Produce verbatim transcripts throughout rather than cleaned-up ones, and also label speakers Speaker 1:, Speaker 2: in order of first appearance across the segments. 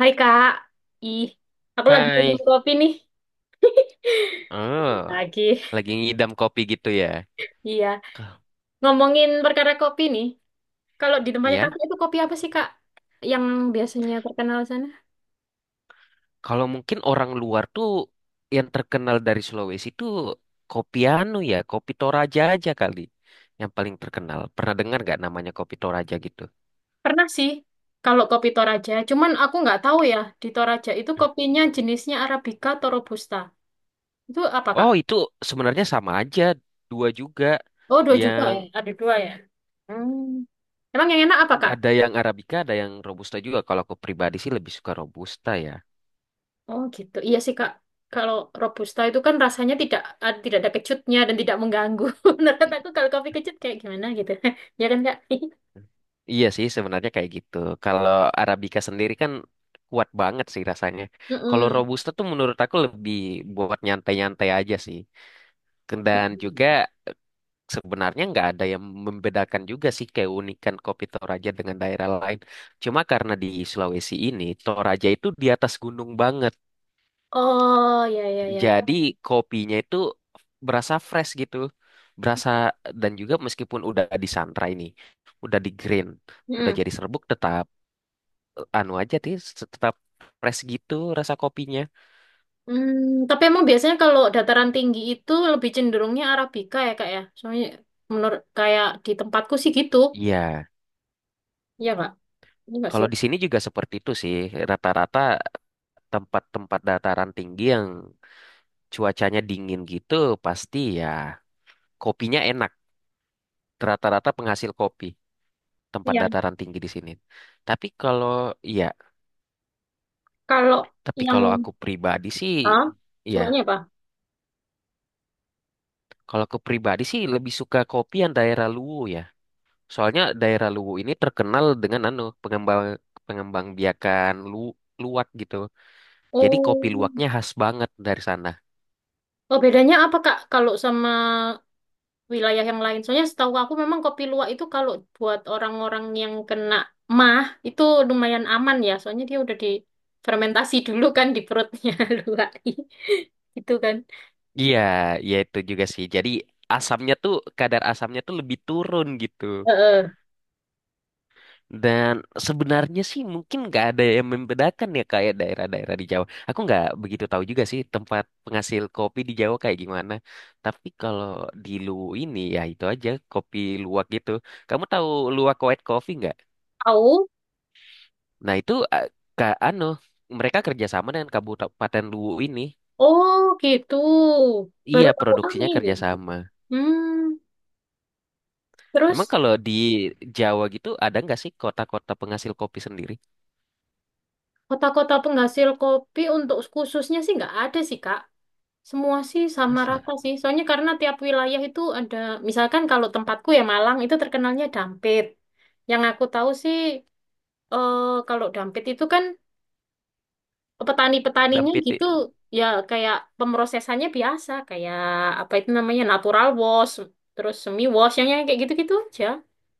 Speaker 1: Hai Kak, ih, aku lagi minum
Speaker 2: Hai,
Speaker 1: kopi nih.
Speaker 2: oh,
Speaker 1: Lagi.
Speaker 2: lagi ngidam kopi gitu ya?
Speaker 1: Iya,
Speaker 2: K-
Speaker 1: ngomongin perkara kopi nih. Kalau di tempatnya
Speaker 2: Ya,
Speaker 1: Kakak itu kopi apa sih Kak? Yang biasanya terkenal sana?
Speaker 2: kalau mungkin orang luar tuh yang terkenal dari Sulawesi tuh kopi anu ya, kopi Toraja aja kali, yang paling terkenal. Pernah dengar nggak namanya kopi Toraja gitu?
Speaker 1: Pernah sih, kalau kopi Toraja. Cuman aku nggak tahu ya, di Toraja itu kopinya jenisnya Arabica atau Robusta. Itu apa Kak?
Speaker 2: Oh, itu sebenarnya sama aja, dua juga.
Speaker 1: Oh, dua juga
Speaker 2: Yang
Speaker 1: ya? Ada dua ya? Hmm. Emang yang enak apa Kak?
Speaker 2: ada yang Arabica, ada yang Robusta juga. Kalau aku pribadi sih lebih suka Robusta ya.
Speaker 1: Oh gitu. Iya sih Kak. Kalau robusta itu kan rasanya tidak ad- tidak ada kecutnya dan tidak mengganggu. Menurut aku kalau kopi kecut kayak gimana gitu. Ya kan Kak?
Speaker 2: Iya sih sebenarnya kayak gitu. Kalau Arabica sendiri kan kuat banget sih rasanya. Kalau
Speaker 1: Mm-mm.
Speaker 2: Robusta tuh menurut aku lebih buat nyantai-nyantai aja sih. Dan
Speaker 1: Mm-mm.
Speaker 2: juga sebenarnya nggak ada yang membedakan juga sih keunikan kopi Toraja dengan daerah lain. Cuma karena di Sulawesi ini Toraja itu di atas gunung banget.
Speaker 1: Oh ya ya ya.
Speaker 2: Jadi kopinya itu berasa fresh gitu. Berasa dan juga meskipun udah disangrai ini, udah di green, udah
Speaker 1: Mm-mm.
Speaker 2: jadi serbuk tetap anu aja sih tetap fresh gitu rasa kopinya.
Speaker 1: Hmm, tapi emang biasanya kalau dataran tinggi itu lebih cenderungnya Arabica ya Kak ya. Soalnya menurut kayak di tempatku sih gitu.
Speaker 2: Iya,
Speaker 1: Iya Kak. Ini nggak sih?
Speaker 2: kalau di sini juga seperti itu sih. Rata-rata tempat-tempat dataran tinggi yang cuacanya dingin gitu pasti ya kopinya enak. Rata-rata penghasil kopi tempat
Speaker 1: Iya.
Speaker 2: dataran tinggi di sini. Tapi kalau ya,
Speaker 1: Kalau
Speaker 2: tapi
Speaker 1: yang.
Speaker 2: kalau aku pribadi sih
Speaker 1: Hah?
Speaker 2: ya,
Speaker 1: Sukanya apa?
Speaker 2: kalau aku pribadi sih lebih suka kopi yang daerah Luwu ya. Soalnya daerah Luwu ini terkenal dengan anu pengembang pengembang biakan lu, luwak gitu. Jadi kopi
Speaker 1: Oh.
Speaker 2: luwaknya khas banget dari sana.
Speaker 1: Oh, bedanya apa Kak kalau sama wilayah yang lain. Soalnya setahu aku memang kopi luwak itu kalau buat orang-orang yang kena mah itu lumayan aman ya. Soalnya dia udah difermentasi dulu kan di perutnya luwak. Gitu kan.
Speaker 2: Iya, ya itu juga sih. Jadi asamnya tuh kadar asamnya tuh lebih turun gitu.
Speaker 1: Heeh.
Speaker 2: Dan sebenarnya sih mungkin nggak ada yang membedakan ya kayak daerah-daerah di Jawa. Aku nggak begitu tahu juga sih tempat penghasil kopi di Jawa kayak gimana. Tapi kalau di Luwu ini ya itu aja kopi luwak gitu. Kamu tahu luwak white coffee nggak?
Speaker 1: Tahu?
Speaker 2: Nah itu eh, ke anu mereka kerjasama dengan Kabupaten Luwu ini.
Speaker 1: Oh, gitu. Baru
Speaker 2: Iya
Speaker 1: tahu aku
Speaker 2: produksinya
Speaker 1: ini.
Speaker 2: kerjasama.
Speaker 1: Hmm,
Speaker 2: Emang
Speaker 1: terus
Speaker 2: kalau di Jawa gitu ada nggak sih kota-kota penghasil kopi sendiri?
Speaker 1: kota-kota penghasil kopi untuk khususnya sih nggak ada sih, Kak. Semua sih sama
Speaker 2: Masa?
Speaker 1: rata sih. Soalnya karena tiap wilayah itu ada, misalkan kalau tempatku ya Malang itu terkenalnya dampit. Yang aku tahu sih, eh, kalau dampit itu kan
Speaker 2: Dan
Speaker 1: petani-petaninya
Speaker 2: P T.
Speaker 1: gitu ya kayak pemrosesannya biasa, kayak apa itu namanya natural wash, terus semi wash, yang yang kayak gitu-gitu aja.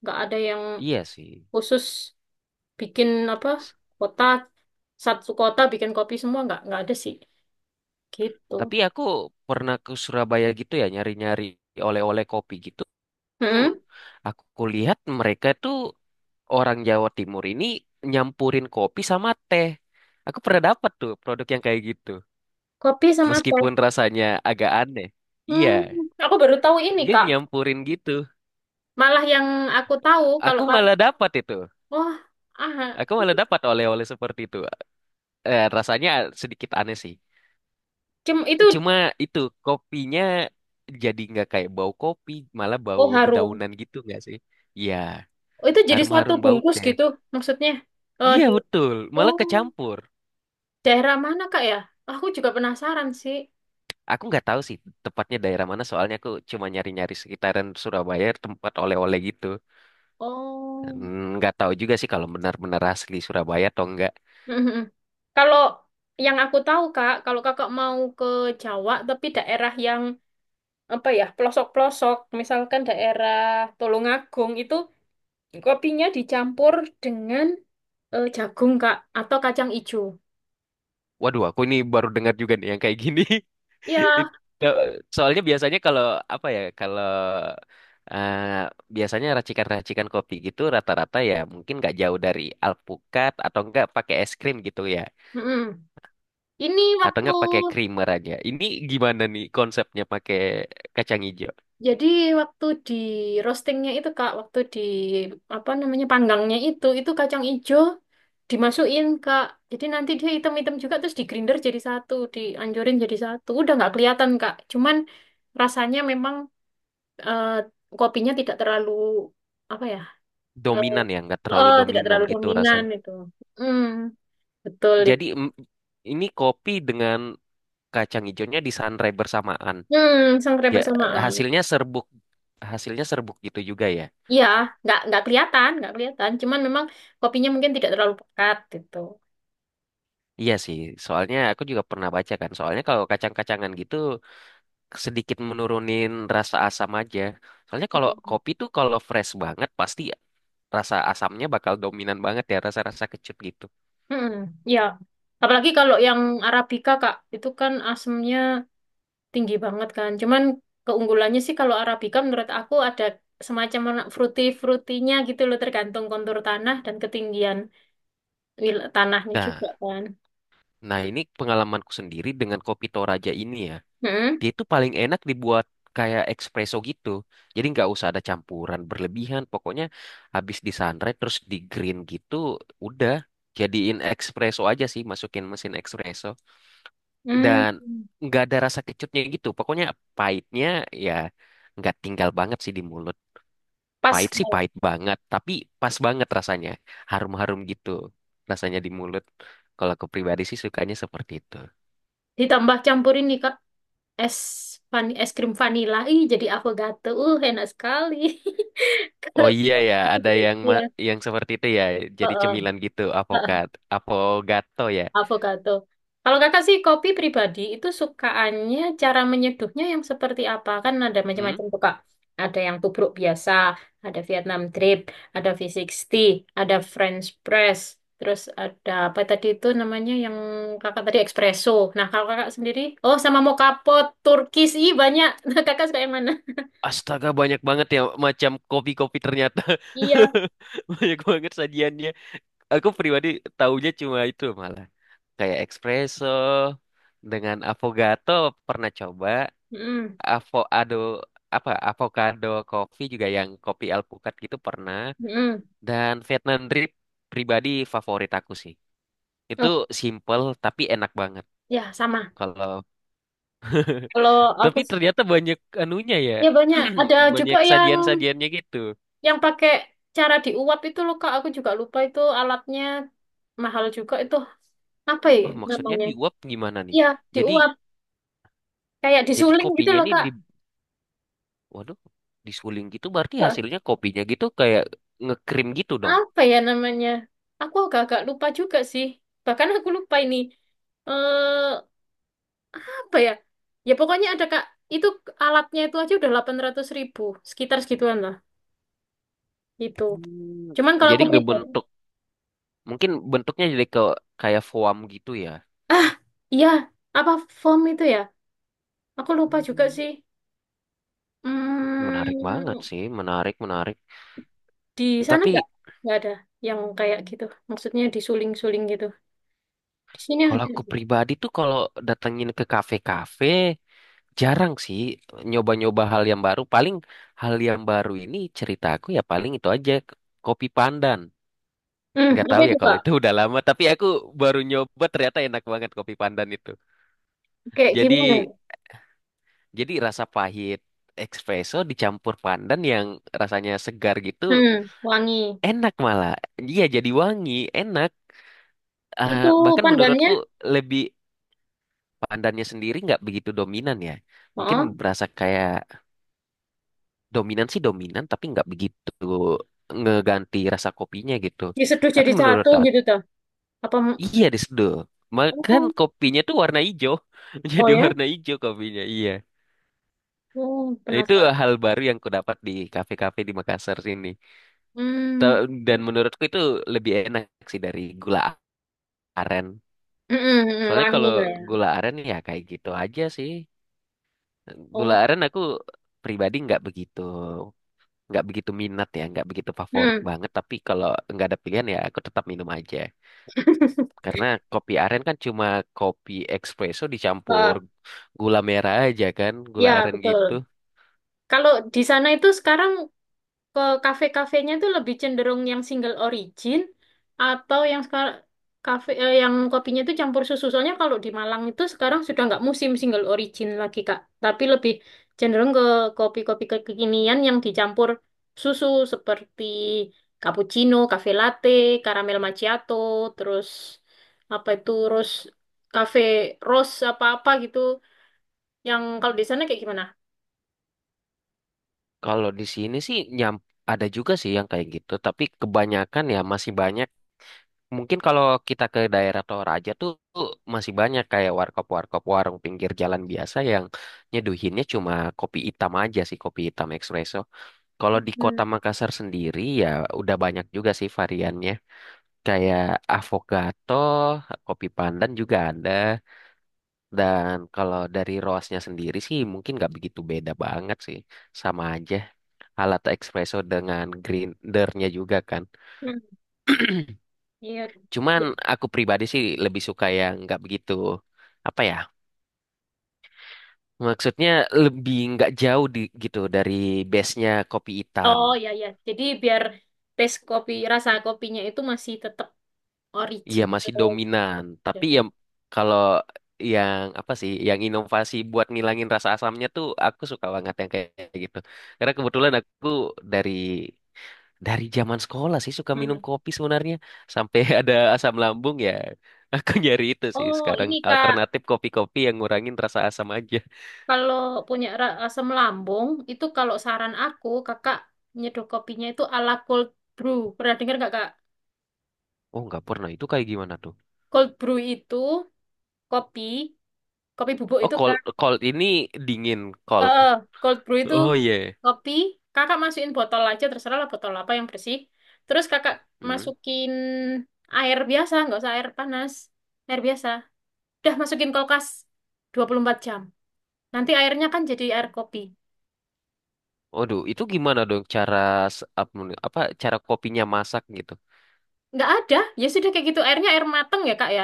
Speaker 1: Nggak ada yang
Speaker 2: Iya sih.
Speaker 1: khusus bikin apa
Speaker 2: S-
Speaker 1: kota satu kota bikin kopi semua nggak nggak ada sih gitu.
Speaker 2: Tapi aku pernah ke Surabaya gitu ya nyari-nyari oleh-oleh kopi gitu. Tuh
Speaker 1: Mm-mm.
Speaker 2: aku lihat mereka tuh orang Jawa Timur ini nyampurin kopi sama teh. Aku pernah dapat tuh produk yang kayak gitu.
Speaker 1: Kopi sama teh.
Speaker 2: Meskipun rasanya agak aneh.
Speaker 1: Hmm,
Speaker 2: Iya.
Speaker 1: aku baru tahu ini,
Speaker 2: Dia
Speaker 1: Kak.
Speaker 2: nyampurin gitu.
Speaker 1: Malah yang aku tahu kalau
Speaker 2: Aku
Speaker 1: Kak,
Speaker 2: malah dapat itu.
Speaker 1: oh, ah,
Speaker 2: Aku malah dapat oleh-oleh seperti itu. Eh, rasanya sedikit aneh sih.
Speaker 1: cem itu
Speaker 2: Cuma itu kopinya jadi nggak kayak bau kopi, malah bau
Speaker 1: oh harum.
Speaker 2: dedaunan gitu nggak sih? Iya,
Speaker 1: Oh, itu jadi satu
Speaker 2: harum-harum bau
Speaker 1: bungkus
Speaker 2: teh.
Speaker 1: gitu maksudnya. Eh,
Speaker 2: Iya
Speaker 1: di
Speaker 2: betul, malah
Speaker 1: oh,
Speaker 2: kecampur.
Speaker 1: daerah mana, Kak ya? Aku juga penasaran sih.
Speaker 2: Aku nggak tahu sih tepatnya daerah mana, soalnya aku cuma nyari-nyari sekitaran Surabaya tempat oleh-oleh gitu.
Speaker 1: Oh.
Speaker 2: Hmm, Nggak tahu juga sih kalau benar-benar asli Surabaya atau enggak.
Speaker 1: Mhm. Kalau yang aku tahu, Kak, kalau Kakak mau ke Jawa tapi daerah yang apa ya, pelosok-pelosok, misalkan daerah Tulungagung itu kopinya dicampur dengan eh, jagung, Kak, atau kacang ijo.
Speaker 2: Waduh, aku ini baru dengar juga nih yang kayak gini.
Speaker 1: Ya,
Speaker 2: It- Ya, soalnya biasanya kalau apa ya, kalau eh, biasanya racikan-racikan kopi gitu rata-rata ya mungkin nggak jauh dari alpukat atau enggak pakai es krim gitu ya
Speaker 1: mm-mm. Ini
Speaker 2: atau
Speaker 1: waktu
Speaker 2: enggak pakai creamer aja. Ini gimana nih konsepnya pakai kacang hijau?
Speaker 1: Jadi waktu di roastingnya itu Kak, waktu di apa namanya panggangnya itu, itu kacang ijo dimasukin Kak. Jadi nanti dia hitam-hitam juga terus di grinder jadi satu, dianjurin jadi satu. Udah nggak kelihatan Kak. Cuman rasanya memang eh, kopinya tidak terlalu apa ya? eh
Speaker 2: Dominan ya nggak terlalu
Speaker 1: eh, tidak
Speaker 2: dominan
Speaker 1: terlalu
Speaker 2: gitu
Speaker 1: dominan
Speaker 2: rasanya.
Speaker 1: itu. Mm, betul itu.
Speaker 2: Jadi mm, ini kopi dengan kacang hijaunya disangrai bersamaan.
Speaker 1: Hmm, sangrai
Speaker 2: Ya
Speaker 1: bersamaan.
Speaker 2: hasilnya serbuk hasilnya serbuk gitu juga ya.
Speaker 1: Iya, nggak nggak kelihatan, nggak kelihatan. Cuman memang kopinya mungkin tidak terlalu pekat gitu.
Speaker 2: Iya sih, soalnya aku juga pernah baca kan. Soalnya kalau kacang-kacangan gitu sedikit menurunin rasa asam aja. Soalnya kalau
Speaker 1: Mm.
Speaker 2: kopi tuh kalau fresh banget pasti rasa asamnya bakal dominan banget ya, rasa-rasa kecut gitu.
Speaker 1: Hmm, ya. Apalagi kalau yang Arabica, Kak, itu kan asemnya tinggi banget kan. Cuman keunggulannya sih kalau Arabica menurut aku ada semacam warna fruity-fruitynya gitu loh, tergantung kontur tanah dan ketinggian wil- tanahnya juga
Speaker 2: Nah,
Speaker 1: kan.
Speaker 2: nah ini pengalamanku sendiri dengan kopi Toraja ini ya.
Speaker 1: Hmm,
Speaker 2: Dia tuh paling enak dibuat kayak espresso gitu. Jadi nggak usah ada campuran berlebihan. Pokoknya habis di terus di green gitu, udah jadiin espresso aja sih, masukin mesin espresso. Dan
Speaker 1: hmm.
Speaker 2: nggak ada rasa kecutnya gitu. Pokoknya pahitnya ya nggak tinggal banget sih di mulut.
Speaker 1: Pas
Speaker 2: Pahit sih
Speaker 1: Kak.
Speaker 2: pahit banget, tapi pas banget rasanya. Harum-harum gitu rasanya di mulut. Kalau aku pribadi sih sukanya seperti itu.
Speaker 1: Ditambah campurin nih, Kak. Es van es krim vanila ih jadi avocado uh enak sekali.
Speaker 2: Oh
Speaker 1: Kalau
Speaker 2: iya ya, ada yang ma-
Speaker 1: iya
Speaker 2: yang seperti itu ya. Jadi
Speaker 1: heeh,
Speaker 2: cemilan gitu,
Speaker 1: heeh,
Speaker 2: avokat, avogato ya.
Speaker 1: avocado, kalau kakak sih kopi pribadi itu sukaannya cara menyeduhnya yang seperti apa? Kan ada
Speaker 2: Hmm?
Speaker 1: macam-macam tuh Kak. Ada yang tubruk biasa, ada Vietnam drip, ada V enam puluh, ada French press, terus ada apa tadi itu namanya yang kakak tadi espresso. Nah kalau kakak sendiri, oh, sama mocha pot, Turkish, ih banyak. Kakak suka yang mana?
Speaker 2: Astaga banyak banget ya macam kopi-kopi ternyata.
Speaker 1: Iya,
Speaker 2: Banyak banget sajiannya. Aku pribadi taunya cuma itu malah. Kayak espresso dengan affogato pernah coba,
Speaker 1: mm-mm,
Speaker 2: avocado apa avocado coffee juga yang kopi alpukat gitu pernah,
Speaker 1: mm-mm.
Speaker 2: dan Vietnam drip. Pribadi favorit aku sih itu,
Speaker 1: Oh,
Speaker 2: simple tapi enak banget.
Speaker 1: ya sama.
Speaker 2: kalau
Speaker 1: Kalau aku
Speaker 2: tapi ternyata banyak anunya ya.
Speaker 1: ya banyak. Ada juga
Speaker 2: Banyak
Speaker 1: yang
Speaker 2: sajian-sajiannya gitu.
Speaker 1: yang pakai cara diuap itu loh Kak. Aku juga lupa itu alatnya mahal juga itu apa ya
Speaker 2: Oh maksudnya
Speaker 1: namanya?
Speaker 2: diuap gimana nih?
Speaker 1: Iya
Speaker 2: jadi
Speaker 1: diuap kayak
Speaker 2: jadi
Speaker 1: disuling gitu
Speaker 2: kopinya
Speaker 1: loh
Speaker 2: ini
Speaker 1: Kak.
Speaker 2: di waduh, disuling gitu berarti
Speaker 1: Eh,
Speaker 2: hasilnya kopinya gitu kayak ngekrim gitu dong.
Speaker 1: Apa ya namanya? Aku agak-agak lupa juga sih. Bahkan aku lupa ini. Eh apa ya? Ya pokoknya ada Kak. Itu alatnya itu aja udah delapan ratus ribu ribu ribu sekitar segituan lah. Itu.
Speaker 2: Hmm,
Speaker 1: Cuman kalau
Speaker 2: Jadi
Speaker 1: aku pribadi.
Speaker 2: ngebentuk, mungkin bentuknya jadi ke kayak foam gitu ya.
Speaker 1: Ah, iya, apa form itu ya? Aku lupa juga
Speaker 2: Hmm,
Speaker 1: sih.
Speaker 2: Menarik banget
Speaker 1: Hmm,
Speaker 2: sih, menarik, menarik.
Speaker 1: di sana nggak
Speaker 2: Tapi
Speaker 1: nggak ada yang kayak gitu. Maksudnya disuling-suling gitu. Di sini
Speaker 2: kalau
Speaker 1: ada.
Speaker 2: aku pribadi tuh kalau datengin ke kafe-kafe, jarang sih nyoba-nyoba hal yang baru. Paling hal yang baru ini cerita aku ya paling itu aja, k- kopi pandan.
Speaker 1: Hmm,
Speaker 2: Nggak
Speaker 1: apa
Speaker 2: tahu
Speaker 1: itu
Speaker 2: ya kalau
Speaker 1: Kak?
Speaker 2: itu udah lama, tapi aku baru nyoba ternyata enak banget kopi pandan itu.
Speaker 1: Kayak
Speaker 2: Jadi
Speaker 1: gimana?
Speaker 2: Jadi rasa pahit espresso dicampur pandan yang rasanya segar gitu,
Speaker 1: Hmm, wangi.
Speaker 2: enak malah. Iya jadi wangi, enak. Eh,
Speaker 1: Itu
Speaker 2: bahkan
Speaker 1: pandannya?
Speaker 2: menurutku lebih pandannya sendiri nggak begitu dominan ya. Mungkin
Speaker 1: Oh,
Speaker 2: berasa kayak dominan sih dominan tapi nggak begitu ngeganti rasa kopinya gitu.
Speaker 1: diseduh
Speaker 2: Tapi
Speaker 1: jadi
Speaker 2: menurut
Speaker 1: satu
Speaker 2: aku
Speaker 1: gitu toh. Apa?
Speaker 2: iya diseduh. Makan
Speaker 1: Oh,
Speaker 2: kopinya tuh warna hijau.
Speaker 1: oh
Speaker 2: Jadi
Speaker 1: ya?
Speaker 2: warna hijau kopinya, iya.
Speaker 1: Oh,
Speaker 2: Nah, itu
Speaker 1: penasaran.
Speaker 2: hal baru yang ku dapat di kafe-kafe di Makassar sini.
Speaker 1: Hmm,
Speaker 2: Ta- Dan menurutku itu lebih enak sih dari gula aren.
Speaker 1: mm-mm, mm,
Speaker 2: Soalnya
Speaker 1: wangi
Speaker 2: kalau
Speaker 1: lah ya.
Speaker 2: gula aren ya kayak gitu aja sih. Gula
Speaker 1: Oh,
Speaker 2: aren aku pribadi nggak begitu nggak begitu minat ya, nggak begitu favorit
Speaker 1: hmm.
Speaker 2: banget. Tapi kalau nggak ada pilihan ya aku tetap minum aja. Karena kopi aren kan cuma kopi espresso dicampur
Speaker 1: Ah,
Speaker 2: gula merah aja kan, gula
Speaker 1: ya
Speaker 2: aren gitu.
Speaker 1: betul. Kalau di sana itu sekarang ke kafe-kafenya tuh lebih cenderung yang single origin atau yang sekarang kafe eh, yang kopinya itu campur susu. Soalnya kalau di Malang itu sekarang sudah nggak musim single origin lagi Kak, tapi lebih cenderung ke kopi-kopi kekinian yang dicampur susu seperti cappuccino, cafe latte, caramel macchiato, terus apa itu rose cafe rose apa-apa gitu. Yang kalau di sana kayak gimana?
Speaker 2: Kalau di sini sih nyam ada juga sih yang kayak gitu, tapi kebanyakan ya masih banyak. Mungkin kalau kita ke daerah Toraja tuh tuh masih banyak kayak warkop-warkop warung pinggir jalan biasa yang nyeduhinnya cuma kopi hitam aja sih, kopi hitam espresso. Kalau di
Speaker 1: Hmm.
Speaker 2: kota Makassar sendiri ya udah banyak juga sih variannya. Kayak avokato, kopi pandan juga ada. Dan kalau dari roasnya sendiri sih mungkin nggak begitu beda banget sih. Sama aja, alat espresso dengan grindernya juga kan. Cuman
Speaker 1: Iya.
Speaker 2: aku pribadi sih lebih suka yang nggak begitu apa ya? Maksudnya lebih nggak jauh di, gitu dari base-nya kopi hitam.
Speaker 1: Oh ya ya. Jadi biar taste kopi rasa kopinya itu masih tetap
Speaker 2: Iya masih
Speaker 1: original.
Speaker 2: dominan, tapi
Speaker 1: Jadi,
Speaker 2: ya kalau yang apa sih, yang inovasi buat ngilangin rasa asamnya tuh aku suka banget yang kayak gitu. Karena kebetulan aku dari dari zaman sekolah sih suka minum
Speaker 1: hmm.
Speaker 2: kopi sebenarnya sampai ada asam lambung ya. Aku nyari itu sih
Speaker 1: Oh
Speaker 2: sekarang
Speaker 1: ini Kak,
Speaker 2: alternatif kopi-kopi yang ngurangin rasa asam aja.
Speaker 1: kalau punya ra- asam lambung itu kalau saran aku Kakak nyeduh kopinya itu ala cold brew. Pernah dengar nggak Kak?
Speaker 2: Oh, nggak pernah. Itu kayak gimana tuh?
Speaker 1: Cold brew itu kopi, kopi bubuk
Speaker 2: Oh,
Speaker 1: itu
Speaker 2: cold,
Speaker 1: Kak.
Speaker 2: cold ini dingin, cold.
Speaker 1: Eh, cold brew itu
Speaker 2: Oh iya.
Speaker 1: kopi. Kakak masukin botol aja terserah lah botol apa yang bersih. Terus Kakak
Speaker 2: Hmm.
Speaker 1: masukin air biasa, nggak usah air panas, air biasa. Udah masukin kulkas dua puluh empat jam. Nanti airnya kan jadi air kopi.
Speaker 2: Waduh, itu gimana dong cara s- ap- apa cara kopinya masak gitu?
Speaker 1: Nggak ada. Ya sudah kayak gitu. Airnya air mateng ya, Kak ya.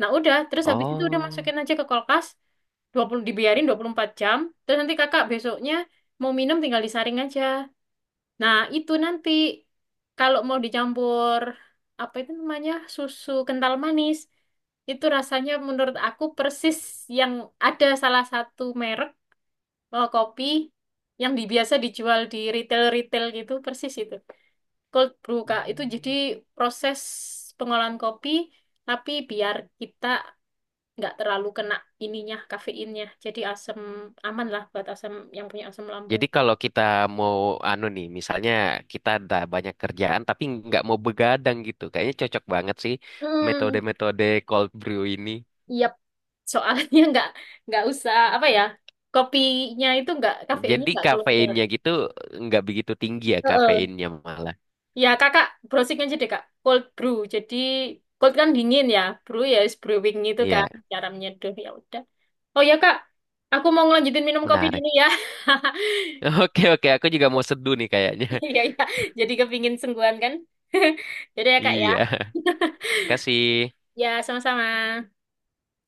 Speaker 1: Nah, udah. Terus habis itu udah
Speaker 2: Oh,
Speaker 1: masukin aja ke kulkas. Dua puluh Dibiarin dua puluh empat jam. Terus nanti kakak besoknya mau minum tinggal disaring aja. Nah, itu nanti kalau mau dicampur apa itu namanya susu kental manis itu rasanya menurut aku persis yang ada salah satu merek. Oh, kopi yang di- biasa dijual di retail-retail gitu, persis itu. Cold brew, Kak. Itu jadi proses pengolahan kopi, tapi biar kita nggak terlalu kena ininya, kafeinnya. Jadi asam aman lah buat asam yang punya asam lambung.
Speaker 2: jadi kalau kita mau anu nih, misalnya kita ada banyak kerjaan tapi nggak mau begadang gitu, kayaknya cocok banget sih
Speaker 1: Hmm,
Speaker 2: metode-metode cold brew ini.
Speaker 1: yep. Soalnya nggak nggak usah apa ya, kopinya itu nggak kafeinnya
Speaker 2: Jadi
Speaker 1: nggak keluar
Speaker 2: kafeinnya gitu nggak begitu tinggi ya
Speaker 1: keluar.
Speaker 2: kafeinnya malah.
Speaker 1: Ya, kakak browsing aja deh, Kak. Cold brew. Jadi, cold kan dingin ya. Brew ya, is brewing itu kan.
Speaker 2: Iya,
Speaker 1: Cara menyeduh, ya udah. Oh ya, Kak. Aku mau ngelanjutin minum kopi
Speaker 2: menarik.
Speaker 1: dulu ya.
Speaker 2: Oke, oke, aku juga mau seduh nih kayaknya.
Speaker 1: Iya, iya. Jadi kepingin sungguhan kan. Jadi ya, Kak, ya.
Speaker 2: Iya. Terima kasih.
Speaker 1: Ya, sama-sama.